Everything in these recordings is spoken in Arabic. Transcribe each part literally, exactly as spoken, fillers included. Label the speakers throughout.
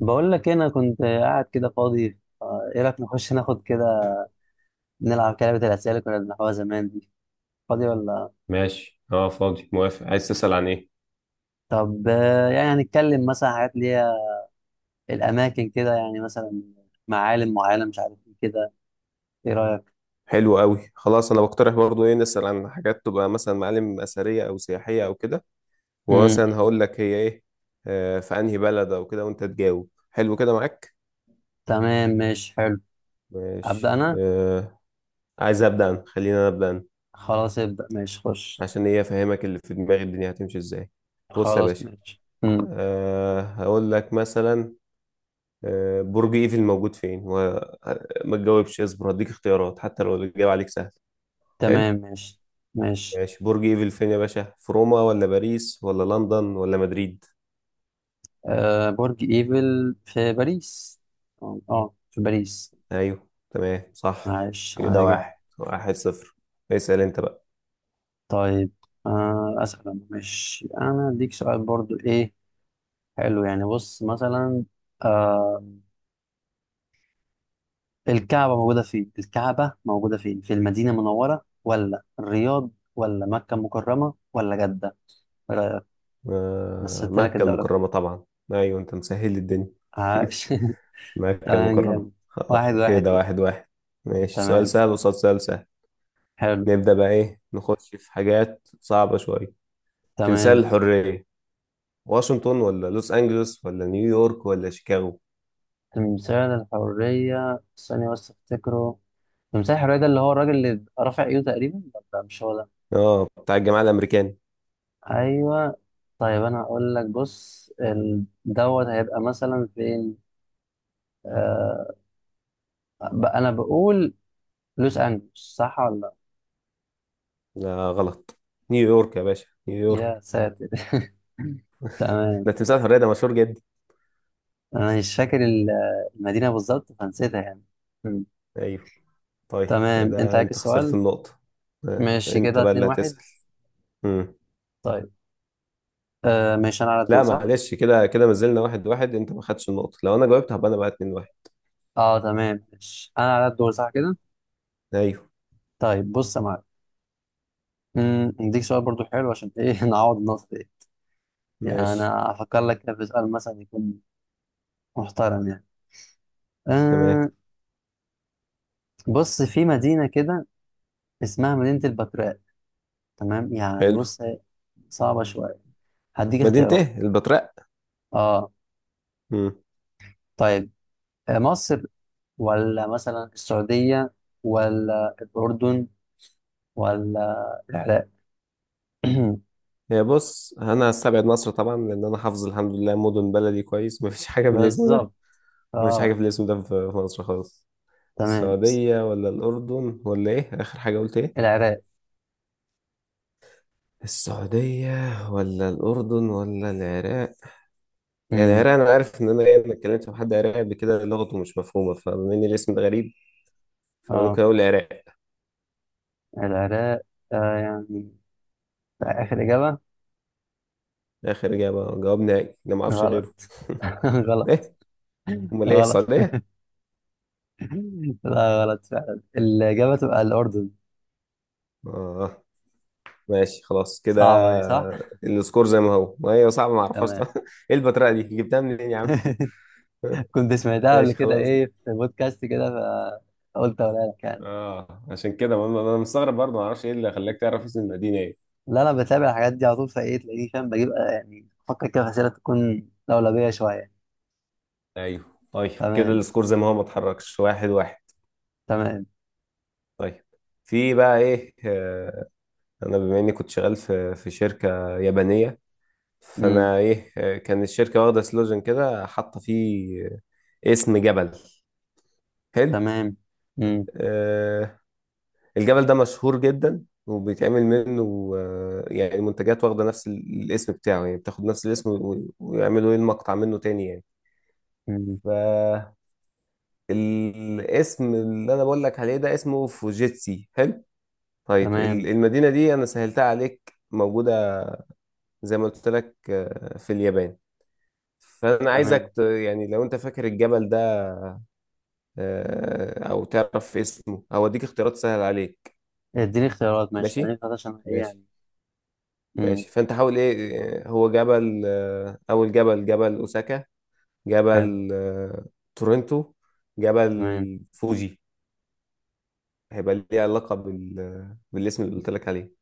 Speaker 1: بقول لك إيه، انا كنت قاعد كده فاضي آه، ايه رايك نخش ناخد كده نلعب لعبه الاسئله اللي كنا بنلعبها زمان دي فاضي ولا؟
Speaker 2: ماشي اه فاضي موافق عايز تسأل عن ايه؟
Speaker 1: طب آه، يعني نتكلم مثلا عن حاجات اللي هي الاماكن كده يعني مثلا معالم معالم مش عارف ايه كده، ايه رايك؟
Speaker 2: حلو قوي. خلاص انا بقترح برضو ايه، نسأل عن حاجات تبقى مثلا معالم اثرية او سياحية او كده. ومثلا
Speaker 1: امم
Speaker 2: هقول لك هي ايه، آه في انهي بلد او كده وانت تجاوب. حلو كده معاك.
Speaker 1: تمام ماشي حلو. ابدا
Speaker 2: ماشي.
Speaker 1: انا.
Speaker 2: آه. عايز ابدا أنا. خلينا أنا ابدا أنا.
Speaker 1: خلاص ابدا ماشي خش.
Speaker 2: عشان ايه؟ افهمك اللي في دماغي الدنيا هتمشي ازاي. بص يا
Speaker 1: خلاص
Speaker 2: باشا،
Speaker 1: ماشي. امم
Speaker 2: آه هقول لك مثلا. آه برج ايفل موجود فين؟ وما تجاوبش، اصبر هديك اختيارات حتى لو الاجابة عليك سهل. حلو.
Speaker 1: تمام ماشي ماشي.
Speaker 2: ماشي، برج ايفل فين يا باشا؟ في روما ولا باريس ولا لندن ولا مدريد؟
Speaker 1: أه برج ايفل في باريس. اه آه، في باريس.
Speaker 2: ايوه تمام صح.
Speaker 1: عاش عاش
Speaker 2: كده
Speaker 1: جدا.
Speaker 2: واحد واحد صفر. اسأل انت بقى.
Speaker 1: طيب آه، أسأل أنا ماشي، أنا أديك سؤال برضو إيه، حلو. يعني بص مثلا آه، الكعبة موجودة فين؟ الكعبة موجودة فين؟ في المدينة المنورة ولا الرياض ولا مكة المكرمة ولا جدة؟ إيه رأيك؟
Speaker 2: آه،
Speaker 1: مثلت لك
Speaker 2: مكة
Speaker 1: الدولة.
Speaker 2: المكرمة طبعا. ايوه انت مسهل لي الدنيا.
Speaker 1: عاش.
Speaker 2: مكة
Speaker 1: تمام
Speaker 2: المكرمة.
Speaker 1: جامد.
Speaker 2: آه،
Speaker 1: واحد واحد
Speaker 2: كده
Speaker 1: كده.
Speaker 2: واحد واحد. ماشي سؤال
Speaker 1: تمام.
Speaker 2: سهل وصوت سؤال سهل
Speaker 1: حلو.
Speaker 2: نبدأ بقى ايه، نخش في حاجات صعبة شوية. تمثال
Speaker 1: تمام.
Speaker 2: الحرية، واشنطن ولا لوس أنجلوس ولا نيويورك ولا شيكاغو؟
Speaker 1: تمثال الحرية، ثانية بس أفتكره. تمثال الحرية ده اللي هو الراجل اللي رافع إيده تقريبا، ولا مش هو ده؟
Speaker 2: اه بتاع الجامعة الأمريكية.
Speaker 1: ايوه. طيب انا اقول لك، بص ال- دوت هيبقى مثلا فين. آه، ب- انا بقول لوس انجلوس، صح ولا لا؟
Speaker 2: لا غلط. نيويورك يا باشا،
Speaker 1: يا
Speaker 2: نيويورك.
Speaker 1: ساتر. تمام.
Speaker 2: ده تمثال الحرية ده مشهور جدا.
Speaker 1: انا مش فاكر ال- المدينه بالظبط فنسيتها يعني. مم.
Speaker 2: ايوه. طيب
Speaker 1: تمام انت
Speaker 2: كده
Speaker 1: عليك
Speaker 2: انت خسرت
Speaker 1: السؤال.
Speaker 2: النقطة. آه،
Speaker 1: ماشي
Speaker 2: انت
Speaker 1: كده
Speaker 2: بقى
Speaker 1: اتنين
Speaker 2: اللي
Speaker 1: واحد.
Speaker 2: هتسأل. مم.
Speaker 1: طيب آه، ماشي انا على الدور
Speaker 2: لا
Speaker 1: صح.
Speaker 2: معلش، كده كده ما زلنا واحد واحد. انت ما خدتش النقطة. لو انا جاوبت هبقى انا بقى اتنين واحد.
Speaker 1: اه تمام ماشي، انا على الدور صح كده.
Speaker 2: ايوه.
Speaker 1: طيب بص يا معلم، مم، اديك سؤال برضو حلو عشان ايه. نعوض النقطه دي. يعني
Speaker 2: ماشي.
Speaker 1: انا افكر لك كده في سؤال مثلا يكون محترم يعني.
Speaker 2: تمام.
Speaker 1: أه بص، في مدينة كده اسمها مدينة البتراء. تمام، يعني
Speaker 2: حلو.
Speaker 1: بص هي صعبة شوية، هديك
Speaker 2: مدينة
Speaker 1: اختيارات.
Speaker 2: ايه، البتراء؟
Speaker 1: اه
Speaker 2: مم.
Speaker 1: طيب، آه، مصر ولا مثلا السعودية ولا الأردن ولا العراق؟
Speaker 2: هي بص، انا هستبعد مصر طبعا لان انا حافظ الحمد لله مدن بلدي كويس، ما فيش حاجة بالاسم ده.
Speaker 1: بالظبط.
Speaker 2: ما فيش حاجة
Speaker 1: اه
Speaker 2: في الاسم ده في في مصر خالص.
Speaker 1: تمام.
Speaker 2: السعودية ولا الأردن ولا ايه آخر حاجة قلت ايه؟
Speaker 1: العراق.
Speaker 2: السعودية ولا الأردن ولا العراق. هي
Speaker 1: امم
Speaker 2: العراق أنا عارف إن أنا إيه، أنا اتكلمت مع حد عراقي قبل كده لغته مش مفهومة، فبما إن الاسم ده غريب فأنا ممكن
Speaker 1: اه،
Speaker 2: أقول العراق.
Speaker 1: العراق، آه يعني آخر إجابة.
Speaker 2: آخر إجابة، جواب نهائي، أنا معرفش
Speaker 1: غلط.
Speaker 2: غيره.
Speaker 1: غلط.
Speaker 2: إيه؟ أمال إيه،
Speaker 1: غلط.
Speaker 2: السعودية؟
Speaker 1: لا غلط فعلا، الإجابة تبقى الأردن.
Speaker 2: آه. ماشي خلاص كده،
Speaker 1: صعبة دي صح؟
Speaker 2: السكور زي ما هو. ما هي صعبة، معرفهاش.
Speaker 1: تمام.
Speaker 2: إيه البطريقة دي جبتها منين يا عم؟
Speaker 1: كنت سمعتها قبل
Speaker 2: ماشي
Speaker 1: كده
Speaker 2: خلاص.
Speaker 1: ايه في بودكاست كده، فقلت اقولها لك يعني.
Speaker 2: آه عشان كده ما- ما- أنا مستغرب برضه، معرفش إيه اللي خلاك تعرف اسم المدينة إيه.
Speaker 1: لا انا بتابع الحاجات دي على طول، فايه تلاقيني فاهم، بجيب آه، يعني افكر كده في اسئله تكون لولبيه شويه.
Speaker 2: أيوه. طيب كده
Speaker 1: تمام.
Speaker 2: السكور زي ما هو، ما اتحركش، واحد واحد.
Speaker 1: تمام.
Speaker 2: طيب في بقى ايه، آه، انا بما اني كنت شغال في في شركه يابانيه،
Speaker 1: امم
Speaker 2: فانا ايه، آه، كان الشركه واخده سلوجن كده حاطه فيه، آه، اسم جبل. حلو.
Speaker 1: تمام. امم
Speaker 2: آه، الجبل ده مشهور جدا وبيتعمل منه، آه، يعني المنتجات واخده نفس ال- الاسم بتاعه، يعني بتاخد نفس الاسم و- ويعملوا ايه المقطع منه تاني يعني.
Speaker 1: امم
Speaker 2: فالاسم اللي انا بقول لك عليه ده اسمه فوجيتسي. حلو. طيب ال-
Speaker 1: تمام.
Speaker 2: المدينه دي انا سهلتها عليك، موجودة زي ما قلت لك، آه، في اليابان. فانا
Speaker 1: تمام.
Speaker 2: عايزك ت- يعني لو انت فاكر الجبل ده، آه، او تعرف اسمه او اديك اختيارات سهل عليك.
Speaker 1: اديني اختيارات ماشي، خليني
Speaker 2: ماشي.
Speaker 1: اختار عشان ايه
Speaker 2: ماشي.
Speaker 1: يعني. امم
Speaker 2: ماشي فانت حاول ايه. آه، هو جبل، آه، اول جبل، جبل اوساكا.
Speaker 1: حلو.
Speaker 2: جبل، آه، تورنتو. جبل
Speaker 1: تمام.
Speaker 2: فوجي، هيبقى ليه علاقة بال... بالاسم اللي قلت لك عليه.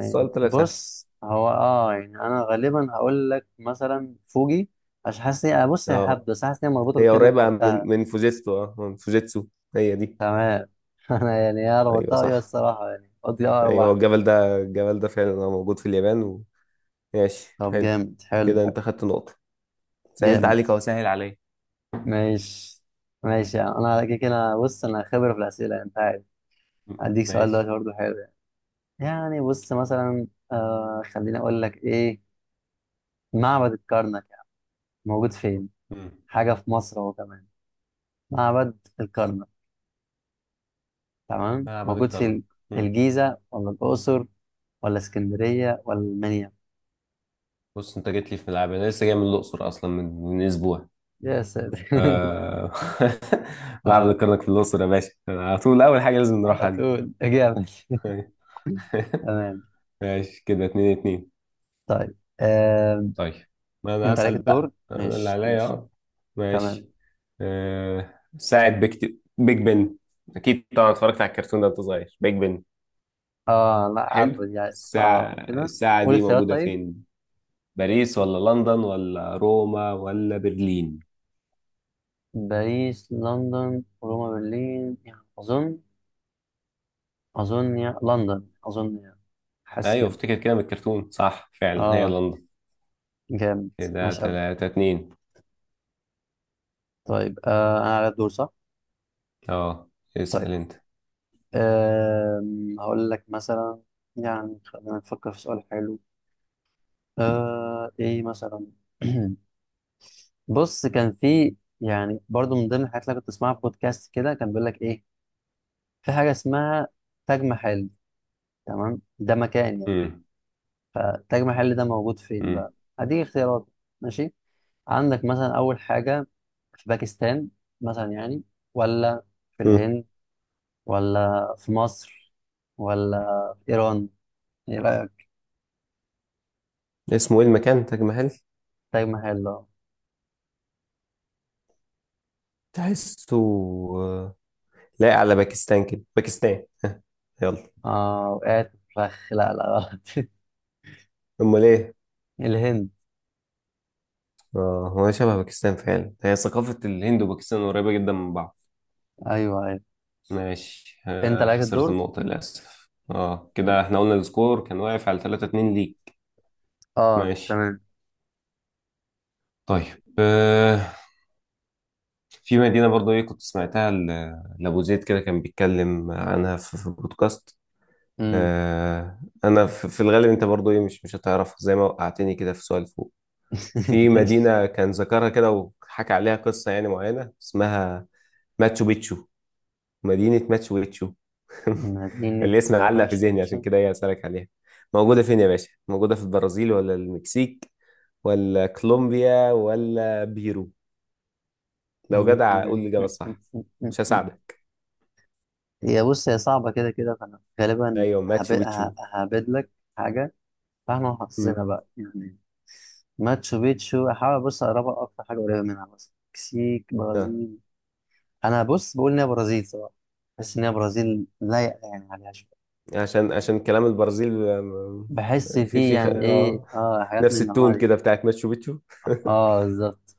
Speaker 2: السؤال طلع سهل.
Speaker 1: بص، هو اه يعني انا غالبا هقول لك مثلا فوجي. عشان حاسس إني- انا، بص هي
Speaker 2: اه
Speaker 1: هبدا بس حاسس ان هي مربوطه
Speaker 2: هي
Speaker 1: بالكلمه اللي انت
Speaker 2: قريبة من
Speaker 1: قلتها.
Speaker 2: من فوجيتسو، اه من فوجيتسو، هي دي.
Speaker 1: تمام. انا يعني يا
Speaker 2: ايوه
Speaker 1: ربطتها ويا
Speaker 2: صح.
Speaker 1: الصراحه، يعني قلت لي اقرب
Speaker 2: ايوه هو
Speaker 1: واحده.
Speaker 2: الجبل ده، الجبل ده فعلا هو موجود في اليابان و... ماشي
Speaker 1: طب
Speaker 2: حلو.
Speaker 1: جامد حلو
Speaker 2: كده
Speaker 1: حلو.
Speaker 2: انت خدت نقطة. سهلت
Speaker 1: جامد.
Speaker 2: عليك اهو، سهل عليا.
Speaker 1: ماشي. ماشي يعني انا على كده كده، أنا- بص انا خبره في الاسئله يعني، انت عارف.
Speaker 2: مم.
Speaker 1: هديك سؤال دلوقتي
Speaker 2: ماشي.
Speaker 1: برضه حلو يعني. يعني بص مثلا آه، خليني اقول لك ايه. معبد الكرنك يعني موجود فين،
Speaker 2: مم.
Speaker 1: حاجه في مصر اهو كمان. معبد الكرنك تمام،
Speaker 2: معبد
Speaker 1: موجود
Speaker 2: الكرنك.
Speaker 1: في
Speaker 2: مم.
Speaker 1: الجيزه ولا الاقصر ولا اسكندريه ولا المنيا؟
Speaker 2: بص انت جيت لي في ملعب، انا لسه جاي من الاقصر اصلا، من، من اسبوع.
Speaker 1: يا ساتر.
Speaker 2: آه... معبد
Speaker 1: آه،
Speaker 2: الكرنك في الاقصر يا باشا، على طول اول حاجه لازم
Speaker 1: على
Speaker 2: نروحها دي.
Speaker 1: طول اجابه. تمام.
Speaker 2: ماشي كده اتنين اتنين.
Speaker 1: طيب آم،
Speaker 2: طيب ما انا
Speaker 1: انت عليك
Speaker 2: هسأل
Speaker 1: الدور.
Speaker 2: بقى، انا اللي
Speaker 1: ماشي
Speaker 2: عليا
Speaker 1: ماشي.
Speaker 2: اه. ماشي.
Speaker 1: تمام.
Speaker 2: آه، ساعة بيك، بيج بن. أكيد طبعا اتفرجت على الكرتون ده وأنت صغير، بيج بن.
Speaker 1: اه لا عارف
Speaker 2: حلو.
Speaker 1: يعني، اه
Speaker 2: الساعة،
Speaker 1: قول كده.
Speaker 2: الساعة
Speaker 1: قول
Speaker 2: دي
Speaker 1: اختيارات
Speaker 2: موجودة
Speaker 1: طيب.
Speaker 2: فين؟ باريس ولا لندن ولا روما ولا برلين؟
Speaker 1: باريس لندن روما برلين، يعني اظن، اظن يعني لندن اظن يعني، حاسس
Speaker 2: أيوة
Speaker 1: كده.
Speaker 2: افتكر كده من الكرتون، صح فعلا هي
Speaker 1: اه.
Speaker 2: لندن.
Speaker 1: جامد.
Speaker 2: كده
Speaker 1: ماشي قوي.
Speaker 2: تلاتة اتنين.
Speaker 1: طيب آه، انا على الدور صح؟
Speaker 2: اه.
Speaker 1: طيب
Speaker 2: اسأل أنت.
Speaker 1: آه، هقول لك مثلا، يعني خلينا نفكر في سؤال حلو. آه ايه مثلا. بص كان في يعني برضو من ضمن الحاجات اللي أنا كنت اسمعها في بودكاست كده، كان بيقول لك ايه، في حاجه اسمها تاج محل، تمام، ده مكان يعني.
Speaker 2: مم.
Speaker 1: فتاج محل ده موجود فين
Speaker 2: مم.
Speaker 1: بقى؟ هديك اختيارات ماشي. عندك مثلا اول حاجه في باكستان مثلا يعني، ولا في
Speaker 2: مم.
Speaker 1: الهند، ولا في مصر، ولا في ايران؟ ايه رايك؟
Speaker 2: اسمه ايه المكان، تاج محل؟
Speaker 1: تاج محل اه.
Speaker 2: تحسه، آه، لايق على باكستان كده، باكستان. يلا.
Speaker 1: آه، وقعت فخ. لا لا غلط.
Speaker 2: امال ايه؟
Speaker 1: الهند.
Speaker 2: اه هو شبه باكستان فعلا، هي ثقافة الهند وباكستان قريبة جدا من بعض.
Speaker 1: ايوه ايوه.
Speaker 2: ماشي.
Speaker 1: انت
Speaker 2: آه
Speaker 1: عليك
Speaker 2: خسرت
Speaker 1: الدور.
Speaker 2: النقطة للأسف. اه كده احنا قلنا السكور كان واقف على تلاتة اتنين ليك.
Speaker 1: اه
Speaker 2: ماشي.
Speaker 1: تمام.
Speaker 2: طيب آه في مدينة برضو ايه، كنت سمعتها ل- لأبو زيد كده كان بيتكلم عنها في، في بودكاست.
Speaker 1: امم
Speaker 2: آه انا في، في الغالب انت برضو ايه، مش مش هتعرف زي ما وقعتني كده في سؤال فوق. في
Speaker 1: ماشي.
Speaker 2: مدينة كان ذكرها كده، وحكى عليها قصة يعني معينة، اسمها ماتشو بيتشو. مدينة ماتشو بيتشو.
Speaker 1: مدينة
Speaker 2: اللي اسمها علق في
Speaker 1: ماتشو
Speaker 2: ذهني،
Speaker 1: بيتشو.
Speaker 2: عشان كده هي أسألك عليها. موجودة فين يا باشا؟ موجودة في البرازيل ولا المكسيك ولا كولومبيا ولا بيرو؟ لو جدع قول لي الإجابة الصح. مش هساعدك.
Speaker 1: هي بص هي صعبة كده كده، فأنا غالبا
Speaker 2: أيوه
Speaker 1: هب-
Speaker 2: ماتشو بيتشو.
Speaker 1: ه- ههبد لك حاجة، فاحنا حافظينها
Speaker 2: مم.
Speaker 1: بقى يعني. ماتشو بيتشو. أحاول بص أقربها أكتر حاجة قريبة منها، مثلا مكسيك
Speaker 2: آه.
Speaker 1: برازيل. أنا بص بقول إن هي برازيل صراحة، بحس إن هي برازيل لايقة يعني عليها شوية،
Speaker 2: عشان عشان كلام البرازيل، آم،
Speaker 1: بحس
Speaker 2: في
Speaker 1: فيه
Speaker 2: في خ-
Speaker 1: يعني إيه
Speaker 2: اه،
Speaker 1: آه، حاجات من
Speaker 2: نفس
Speaker 1: الأنواع
Speaker 2: التون
Speaker 1: دي.
Speaker 2: كده بتاعت ماتشو بيتشو.
Speaker 1: آه بالظبط.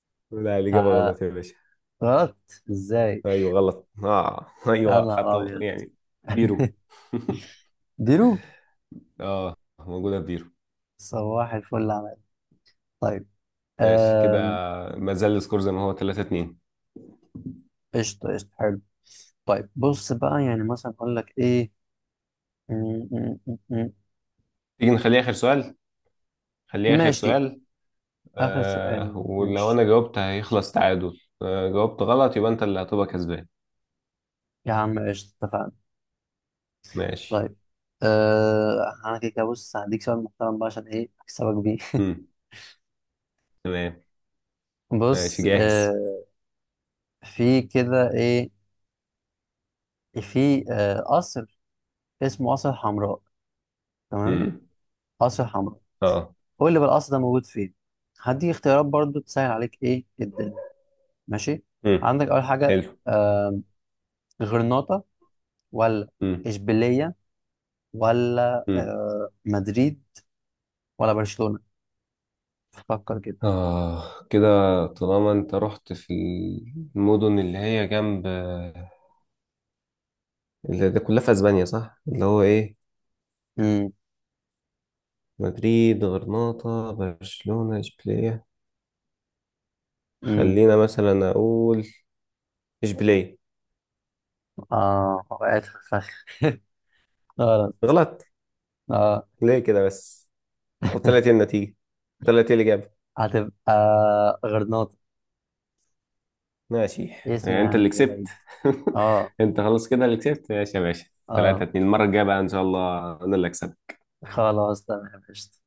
Speaker 2: لا الإجابة
Speaker 1: ف-
Speaker 2: غلط يا باشا.
Speaker 1: غلط إزاي؟
Speaker 2: أيوه غلط، آه أيوه
Speaker 1: أنا
Speaker 2: خطأ
Speaker 1: أبيض.
Speaker 2: يعني. بيرو.
Speaker 1: ديرو.
Speaker 2: اه موجودة في بيرو.
Speaker 1: صباح الفل عماد. طيب
Speaker 2: ماشي كده،
Speaker 1: آم،
Speaker 2: ما زال السكور زي ما هو، تلاتة اتنين.
Speaker 1: قشطة قشطة حلو. طيب بص بقى يعني مثلا أقول لك إيه. م- م- م- م-
Speaker 2: تيجي نخليه آخر سؤال، خليه آخر
Speaker 1: ماشي
Speaker 2: سؤال.
Speaker 1: آخر
Speaker 2: آه
Speaker 1: سؤال
Speaker 2: ولو
Speaker 1: ماشي
Speaker 2: أنا جاوبت هيخلص تعادل، آه جاوبت غلط يبقى أنت اللي هتبقى كسبان.
Speaker 1: يا عم، قشطة، اتفقنا.
Speaker 2: ماشي.
Speaker 1: طيب آه، أنا كده كده بص هديك سؤال محترم بقى عشان إيه أكسبك بيه.
Speaker 2: مم. تمام. ماشي
Speaker 1: بص
Speaker 2: جاهز.
Speaker 1: آه، في كده إيه، في آه، قصر اسمه قصر حمراء، تمام.
Speaker 2: مم.
Speaker 1: قصر حمراء،
Speaker 2: اه.
Speaker 1: قول لي بقى القصر ده موجود فين. هديك اختيارات برضو تسهل عليك إيه الدنيا، ماشي.
Speaker 2: مم.
Speaker 1: عندك اول حاجه
Speaker 2: حلو.
Speaker 1: آه، غرناطه، ولا
Speaker 2: مم.
Speaker 1: اشبيليه، ولا
Speaker 2: مم.
Speaker 1: آه، مدريد، ولا برشلونه؟ فكر كده.
Speaker 2: اه كده، طالما انت رحت في المدن اللي هي جنب، اللي ده كلها في اسبانيا صح، اللي هو ايه،
Speaker 1: امم
Speaker 2: مدريد غرناطة برشلونة اشبيلية.
Speaker 1: امم
Speaker 2: خلينا مثلا اقول اشبيليه.
Speaker 1: اه وقعت في الفخ. غلط.
Speaker 2: غلط.
Speaker 1: اه
Speaker 2: ليه كده بس؟ طب طلعت ايه النتيجه؟ طلعت ايه الاجابه؟
Speaker 1: هتبقى غرناطه،
Speaker 2: ماشي.
Speaker 1: اسم
Speaker 2: يعني انت اللي
Speaker 1: يعني
Speaker 2: كسبت.
Speaker 1: بعيد. اه
Speaker 2: انت خلاص كده اللي كسبت، ماشي يا باشا. 3
Speaker 1: اه
Speaker 2: 2 المره الجايه بقى ان شاء الله انا اللي اكسب.
Speaker 1: خلاص تمام قشطة.